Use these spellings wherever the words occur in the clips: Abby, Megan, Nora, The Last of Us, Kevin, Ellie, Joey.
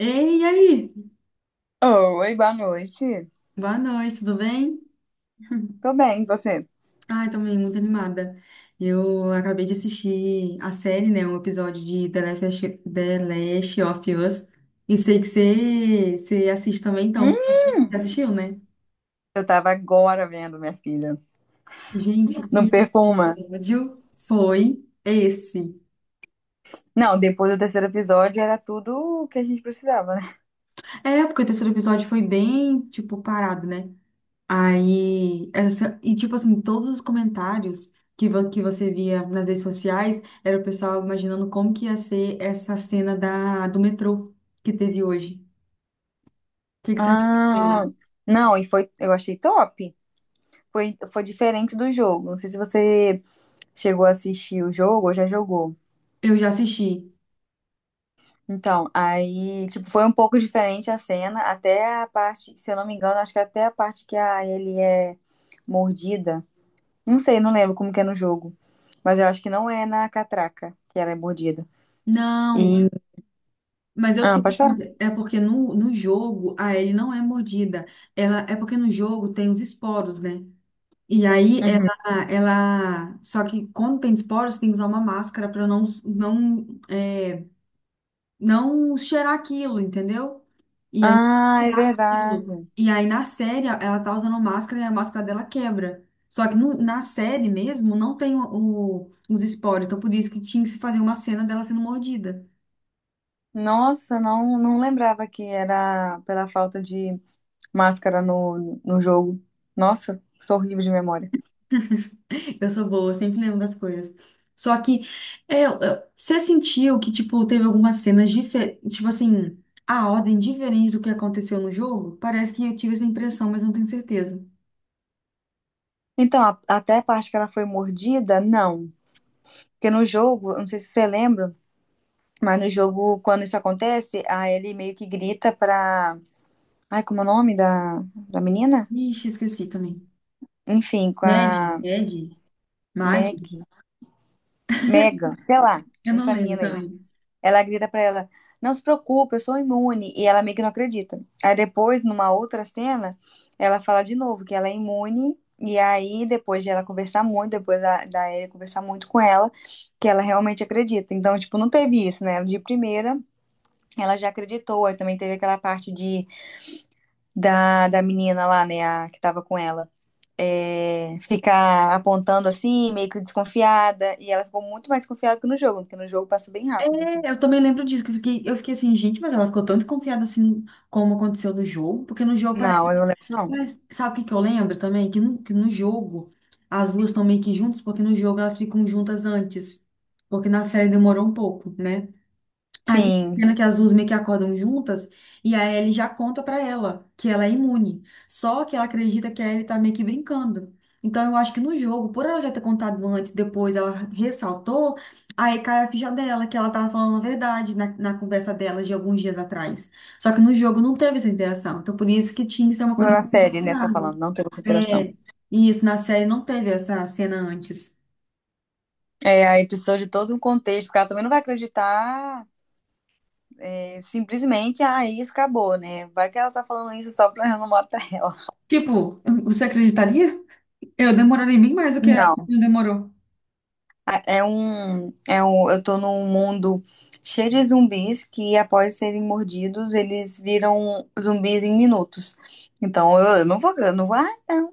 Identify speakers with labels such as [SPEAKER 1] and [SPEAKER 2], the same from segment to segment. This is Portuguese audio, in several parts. [SPEAKER 1] Ei, e aí?
[SPEAKER 2] Oi, boa noite.
[SPEAKER 1] Boa noite, tudo bem?
[SPEAKER 2] Tô bem, e você?
[SPEAKER 1] Ai, também muito animada. Eu acabei de assistir a série, né? Um episódio de The Last of Us. E sei que você assiste também, então.
[SPEAKER 2] Hum,
[SPEAKER 1] Você assistiu, né?
[SPEAKER 2] eu tava agora vendo, minha filha.
[SPEAKER 1] Gente,
[SPEAKER 2] Não
[SPEAKER 1] que
[SPEAKER 2] perco uma.
[SPEAKER 1] episódio foi esse?
[SPEAKER 2] Não, depois do terceiro episódio era tudo o que a gente precisava, né?
[SPEAKER 1] É, porque o terceiro episódio foi bem, tipo, parado, né? Aí, essa, e tipo assim, todos os comentários que, que você via nas redes sociais era o pessoal imaginando como que ia ser essa cena da, do metrô que teve hoje. O que, que você achou da
[SPEAKER 2] Ah,
[SPEAKER 1] cena?
[SPEAKER 2] não, e foi, eu achei top. Foi diferente do jogo. Não sei se você chegou a assistir o jogo ou já jogou.
[SPEAKER 1] Eu já assisti.
[SPEAKER 2] Então, aí, tipo, foi um pouco diferente a cena, até a parte, se eu não me engano, acho que até a parte que a ele é mordida. Não sei, não lembro como que é no jogo. Mas eu acho que não é na catraca que ela é mordida.
[SPEAKER 1] Não,
[SPEAKER 2] E.
[SPEAKER 1] mas eu
[SPEAKER 2] Ah,
[SPEAKER 1] sei que
[SPEAKER 2] pode falar?
[SPEAKER 1] é porque no, no jogo a Ellie não é mordida. Ela, é porque no jogo tem os esporos, né? E aí
[SPEAKER 2] Uhum.
[SPEAKER 1] ela. Só que quando tem esporos, tem que usar uma máscara para não, não é, não cheirar aquilo, entendeu? E aí
[SPEAKER 2] Ah, é
[SPEAKER 1] tirar aquilo.
[SPEAKER 2] verdade.
[SPEAKER 1] E aí na série ela tá usando máscara e a máscara dela quebra. Só que na série mesmo não tem os esporos, então por isso que tinha que se fazer uma cena dela sendo mordida.
[SPEAKER 2] Nossa, não lembrava que era pela falta de máscara no jogo. Nossa, sou horrível de memória.
[SPEAKER 1] Eu sou boa, eu sempre lembro das coisas. Só que é, você sentiu que, tipo, teve algumas cenas diferentes, tipo assim, a ordem diferente do que aconteceu no jogo? Parece que eu tive essa impressão, mas não tenho certeza.
[SPEAKER 2] Então, até a parte que ela foi mordida, não. Porque no jogo, eu não sei se você lembra, mas no jogo, quando isso acontece, a Ellie meio que grita pra. Ai, como é o nome da menina?
[SPEAKER 1] Ixi, esqueci também.
[SPEAKER 2] Enfim, com
[SPEAKER 1] Mad,
[SPEAKER 2] a
[SPEAKER 1] Mad,
[SPEAKER 2] Meg.
[SPEAKER 1] Mad.
[SPEAKER 2] Megan, sei lá,
[SPEAKER 1] Eu não
[SPEAKER 2] essa
[SPEAKER 1] lembro
[SPEAKER 2] menina aí.
[SPEAKER 1] também.
[SPEAKER 2] Ela grita pra ela: Não se preocupe, eu sou imune. E ela meio que não acredita. Aí depois, numa outra cena, ela fala de novo que ela é imune. E aí, depois de ela conversar muito, depois da Ellie conversar muito com ela, que ela realmente acredita. Então, tipo, não teve isso, né? De primeira, ela já acreditou. Aí também teve aquela parte de, da menina lá, né? A, que tava com ela é, ficar apontando assim, meio que desconfiada. E ela ficou muito mais confiada que no jogo, porque no jogo passou bem rápido, assim.
[SPEAKER 1] É, eu também lembro disso, que eu fiquei assim, gente, mas ela ficou tão desconfiada assim, como aconteceu no jogo, porque no jogo parece.
[SPEAKER 2] Não, eu não lembro, não.
[SPEAKER 1] Mas sabe o que que eu lembro também? Que no jogo as duas estão meio que juntas, porque no jogo elas ficam juntas antes. Porque na série demorou um pouco, né? Aí tem uma
[SPEAKER 2] Sim,
[SPEAKER 1] cena que as duas meio que acordam juntas e a Ellie já conta pra ela que ela é imune. Só que ela acredita que a Ellie tá meio que brincando. Então eu acho que no jogo, por ela já ter contado antes, depois ela ressaltou, aí cai a ficha dela, que ela tava falando a verdade na, conversa dela de alguns dias atrás. Só que no jogo não teve essa interação. Então por isso que tinha que ser uma
[SPEAKER 2] não
[SPEAKER 1] coisa
[SPEAKER 2] na série,
[SPEAKER 1] muito
[SPEAKER 2] né? Você tá falando,
[SPEAKER 1] grave.
[SPEAKER 2] não teve essa interação.
[SPEAKER 1] É, e isso na série não teve essa cena antes.
[SPEAKER 2] É, aí precisou de todo um contexto, porque ela também não vai acreditar é, simplesmente, ah, isso acabou, né? Vai que ela tá falando isso só pra eu não matar ela.
[SPEAKER 1] Tipo, você acreditaria? Eu demoraria bem mais do que ela
[SPEAKER 2] Não.
[SPEAKER 1] demorou.
[SPEAKER 2] É um, eu tô num mundo cheio de zumbis que, após serem mordidos, eles viram zumbis em minutos. Então eu não vou, ah, não.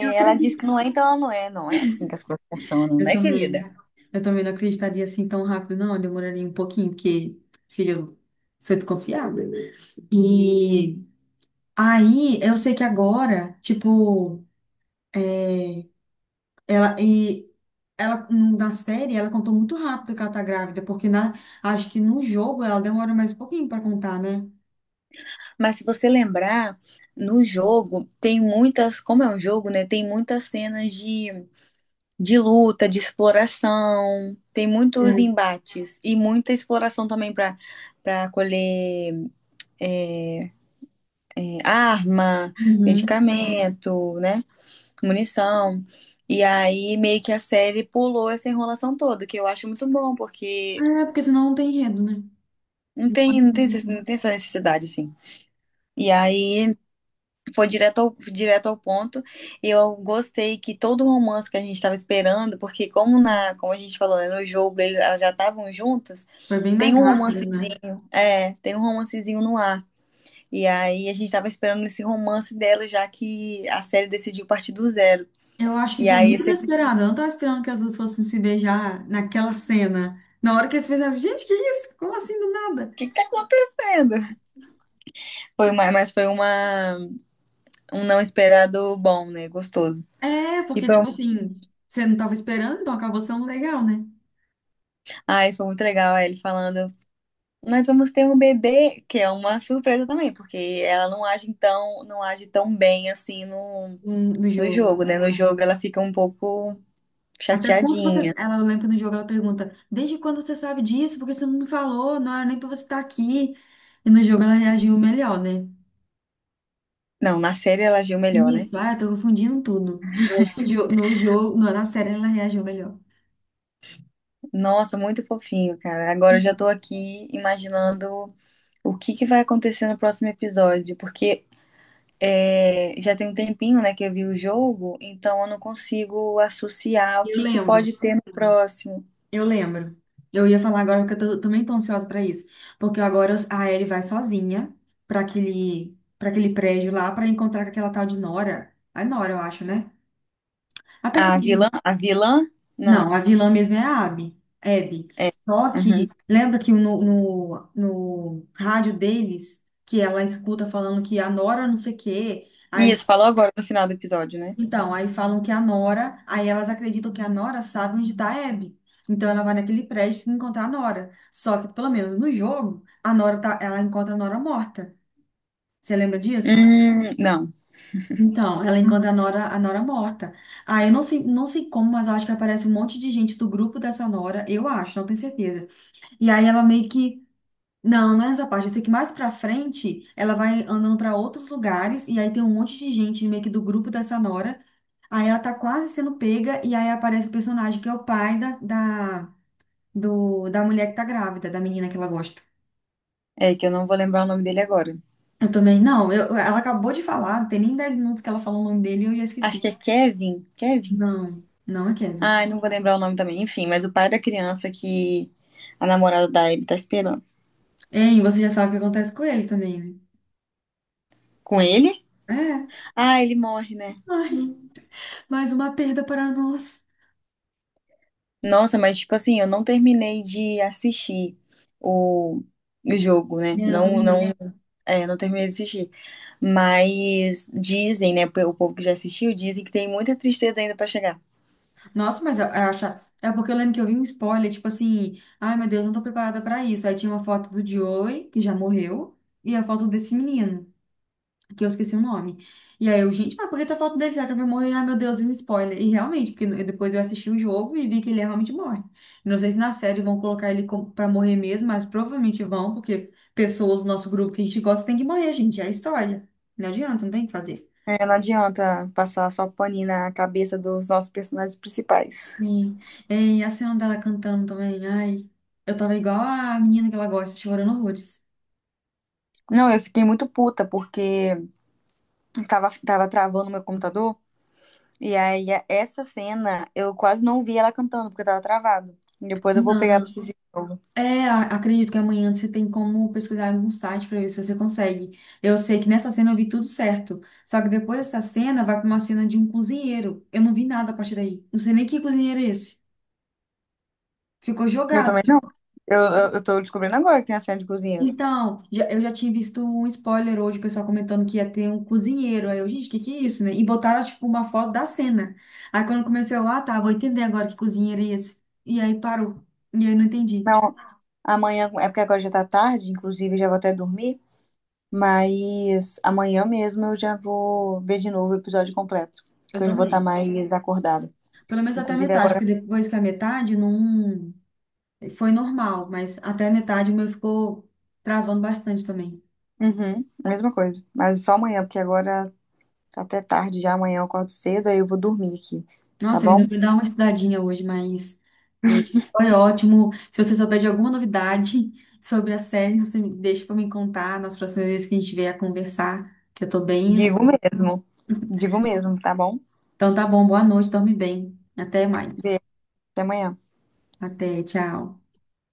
[SPEAKER 1] Eu
[SPEAKER 2] ela disse que
[SPEAKER 1] acredito.
[SPEAKER 2] não é, então ela não é. Não é assim que as coisas funcionam,
[SPEAKER 1] Eu
[SPEAKER 2] né, querida?
[SPEAKER 1] também. Eu também não acreditaria assim tão rápido, não. Eu demoraria um pouquinho, porque, filho, eu sou desconfiada. E aí, eu sei que agora, tipo, é, ela e ela na série ela contou muito rápido que ela tá grávida, porque acho que no jogo ela demora mais um pouquinho pra contar, né?
[SPEAKER 2] Mas se você lembrar, no jogo tem muitas, como é um jogo, né? Tem muitas cenas de luta, de exploração, tem muitos
[SPEAKER 1] É.
[SPEAKER 2] embates e muita exploração também para colher. É, é, arma,
[SPEAKER 1] Uhum.
[SPEAKER 2] medicamento, né? Munição. E aí meio que a série pulou essa enrolação toda, que eu acho muito bom, porque
[SPEAKER 1] É, porque senão não tem enredo, né?
[SPEAKER 2] não tem, não tem essa necessidade, assim. E aí foi direto ao ponto. E eu gostei que todo o romance que a gente estava esperando, porque como na, como a gente falou, né, no jogo elas já estavam juntas,
[SPEAKER 1] Foi bem
[SPEAKER 2] tem
[SPEAKER 1] mais
[SPEAKER 2] um
[SPEAKER 1] rápido, né?
[SPEAKER 2] romancezinho, é, tem um romancezinho no ar. E aí a gente estava esperando esse romance dela, já que a série decidiu partir do zero.
[SPEAKER 1] Eu acho que
[SPEAKER 2] E
[SPEAKER 1] foi
[SPEAKER 2] aí
[SPEAKER 1] muito
[SPEAKER 2] você, o
[SPEAKER 1] inesperado. Eu não estava esperando que as duas fossem se beijar naquela cena. Na hora que eles beijaram. Gente, que isso? Como assim do nada?
[SPEAKER 2] que que tá acontecendo? Foi uma, mas foi uma, um não esperado bom, né? Gostoso.
[SPEAKER 1] É,
[SPEAKER 2] E
[SPEAKER 1] porque,
[SPEAKER 2] foi,
[SPEAKER 1] tipo assim, você não estava esperando, então acabou sendo legal, né?
[SPEAKER 2] ai, foi muito legal aí ele falando, nós vamos ter um bebê, que é uma surpresa também, porque ela não age tão, não age tão bem assim no,
[SPEAKER 1] No
[SPEAKER 2] no
[SPEAKER 1] jogo.
[SPEAKER 2] jogo, né? No jogo ela fica um pouco
[SPEAKER 1] Até quando você.
[SPEAKER 2] chateadinha.
[SPEAKER 1] Ela, eu lembro no jogo, ela pergunta: Desde quando você sabe disso? Porque você não me falou, não era nem pra você estar aqui. E no jogo ela reagiu melhor, né?
[SPEAKER 2] Não, na série ela agiu melhor, né?
[SPEAKER 1] Isso, ah, eu tô confundindo tudo. Mas no jogo na série ela reagiu melhor.
[SPEAKER 2] Nossa, muito fofinho, cara. Agora eu já
[SPEAKER 1] E
[SPEAKER 2] tô aqui imaginando o que que vai acontecer no próximo episódio, porque é, já tem um tempinho, né, que eu vi o jogo, então eu não consigo associar o
[SPEAKER 1] Eu
[SPEAKER 2] que que
[SPEAKER 1] lembro.
[SPEAKER 2] pode ter no próximo.
[SPEAKER 1] Eu lembro. Eu ia falar agora porque eu também tô ansiosa pra isso. Porque agora a Ellie vai sozinha para aquele prédio lá pra encontrar com aquela tal de Nora. A Nora, eu acho, né? A pessoa.
[SPEAKER 2] A vilã? A vilã?
[SPEAKER 1] Não,
[SPEAKER 2] Não.
[SPEAKER 1] a vilã mesmo é a Abby. Abby. Só
[SPEAKER 2] Uhum.
[SPEAKER 1] que lembra que no, no rádio deles que ela escuta falando que a Nora não sei o quê. Aí
[SPEAKER 2] Isso, falou agora no final do episódio, né?
[SPEAKER 1] Então, aí falam que a Nora, aí elas acreditam que a Nora sabe onde está a Abby. Então ela vai naquele prédio encontrar a Nora. Só que, pelo menos no jogo, ela encontra a Nora morta. Você lembra disso?
[SPEAKER 2] Não.
[SPEAKER 1] Então, ela encontra a Nora morta. Aí eu não sei como, mas eu acho que aparece um monte de gente do grupo dessa Nora, eu acho, não tenho certeza. E aí ela meio que. Não, não é nessa parte. Eu sei que mais pra frente ela vai andando pra outros lugares e aí tem um monte de gente meio que do grupo dessa Nora. Aí ela tá quase sendo pega, e aí aparece o personagem que é o pai da, da, do, da mulher que tá grávida, da menina que ela gosta.
[SPEAKER 2] É que eu não vou lembrar o nome dele agora.
[SPEAKER 1] Eu também, não, eu, ela acabou de falar, não tem nem 10 minutos que ela falou o nome dele e eu já
[SPEAKER 2] Acho que
[SPEAKER 1] esqueci.
[SPEAKER 2] é Kevin. Kevin?
[SPEAKER 1] Não, não é Kevin.
[SPEAKER 2] Ai, não vou lembrar o nome também. Enfim, mas o pai da criança que a namorada da Ellie tá esperando.
[SPEAKER 1] Hein, você já sabe o que acontece com ele também, né?
[SPEAKER 2] Com ele?
[SPEAKER 1] É,
[SPEAKER 2] Ah, ele morre, né?
[SPEAKER 1] ai, mais uma perda para nós.
[SPEAKER 2] Nossa, mas tipo assim, eu não terminei de assistir o, o jogo, né?
[SPEAKER 1] É, eu também não.
[SPEAKER 2] Não, é, não terminei de assistir. Mas dizem, né? O povo que já assistiu dizem que tem muita tristeza ainda pra chegar.
[SPEAKER 1] Nossa, mas eu acho. É porque eu lembro que eu vi um spoiler, tipo assim, ai meu Deus, não tô preparada pra isso. Aí tinha uma foto do Joey, que já morreu, e a foto desse menino que eu esqueci o nome. E aí eu, gente, mas por que tá falando dele? Será que ele vai morrer? Ah, meu Deus, e um spoiler. E realmente, porque depois eu assisti o jogo e vi que ele realmente morre. Não sei se na série vão colocar ele como, pra morrer mesmo, mas provavelmente vão, porque pessoas do nosso grupo que a gente gosta tem que morrer, gente. É a história. Não adianta, não tem o que fazer.
[SPEAKER 2] É, não adianta passar só paninho na cabeça dos nossos personagens principais.
[SPEAKER 1] Sim. E a cena dela cantando também. Ai, eu tava igual a menina que ela gosta, chorando horrores.
[SPEAKER 2] Não, eu fiquei muito puta porque tava travando meu computador. E aí, essa cena, eu quase não vi ela cantando, porque tava travado. Depois eu vou pegar pra assistir.
[SPEAKER 1] É, acredito que amanhã você tem como pesquisar em algum site para ver se você consegue. Eu sei que nessa cena eu vi tudo certo. Só que depois dessa cena vai para uma cena de um cozinheiro. Eu não vi nada a partir daí. Não sei nem que cozinheiro é esse. Ficou
[SPEAKER 2] Eu
[SPEAKER 1] jogado.
[SPEAKER 2] também não. Eu tô descobrindo agora que tem a cena de cozinheiro.
[SPEAKER 1] Então, eu já tinha visto um spoiler hoje, o pessoal comentando que ia ter um cozinheiro. Aí eu, gente, o que que é isso, né? E botaram, tipo, uma foto da cena. Aí quando comecei, eu, ah, tá, vou entender agora que cozinheiro é esse. E aí parou. E aí não entendi.
[SPEAKER 2] Não, amanhã, é porque agora já tá tarde, inclusive já vou até dormir, mas amanhã mesmo eu já vou ver de novo o episódio completo,
[SPEAKER 1] Eu
[SPEAKER 2] que eu vou estar
[SPEAKER 1] também.
[SPEAKER 2] mais acordada.
[SPEAKER 1] Pelo menos até a
[SPEAKER 2] Inclusive
[SPEAKER 1] metade,
[SPEAKER 2] agora,
[SPEAKER 1] porque depois que a metade não. Foi normal, mas até a metade o meu ficou travando bastante também.
[SPEAKER 2] uhum, a mesma coisa, mas só amanhã, porque agora tá até tarde já, amanhã eu acordo cedo, aí eu vou dormir aqui, tá
[SPEAKER 1] Nossa, eu ainda
[SPEAKER 2] bom?
[SPEAKER 1] vou dar uma estudadinha hoje, mas é, foi ótimo. Se você souber de alguma novidade sobre a série, você me deixa para me contar nas próximas vezes que a gente vier a conversar, que eu tô bem.
[SPEAKER 2] Digo mesmo, digo mesmo, tá bom?
[SPEAKER 1] Então tá bom, boa noite, dorme bem. Até mais.
[SPEAKER 2] Beijo, até amanhã.
[SPEAKER 1] Até, tchau.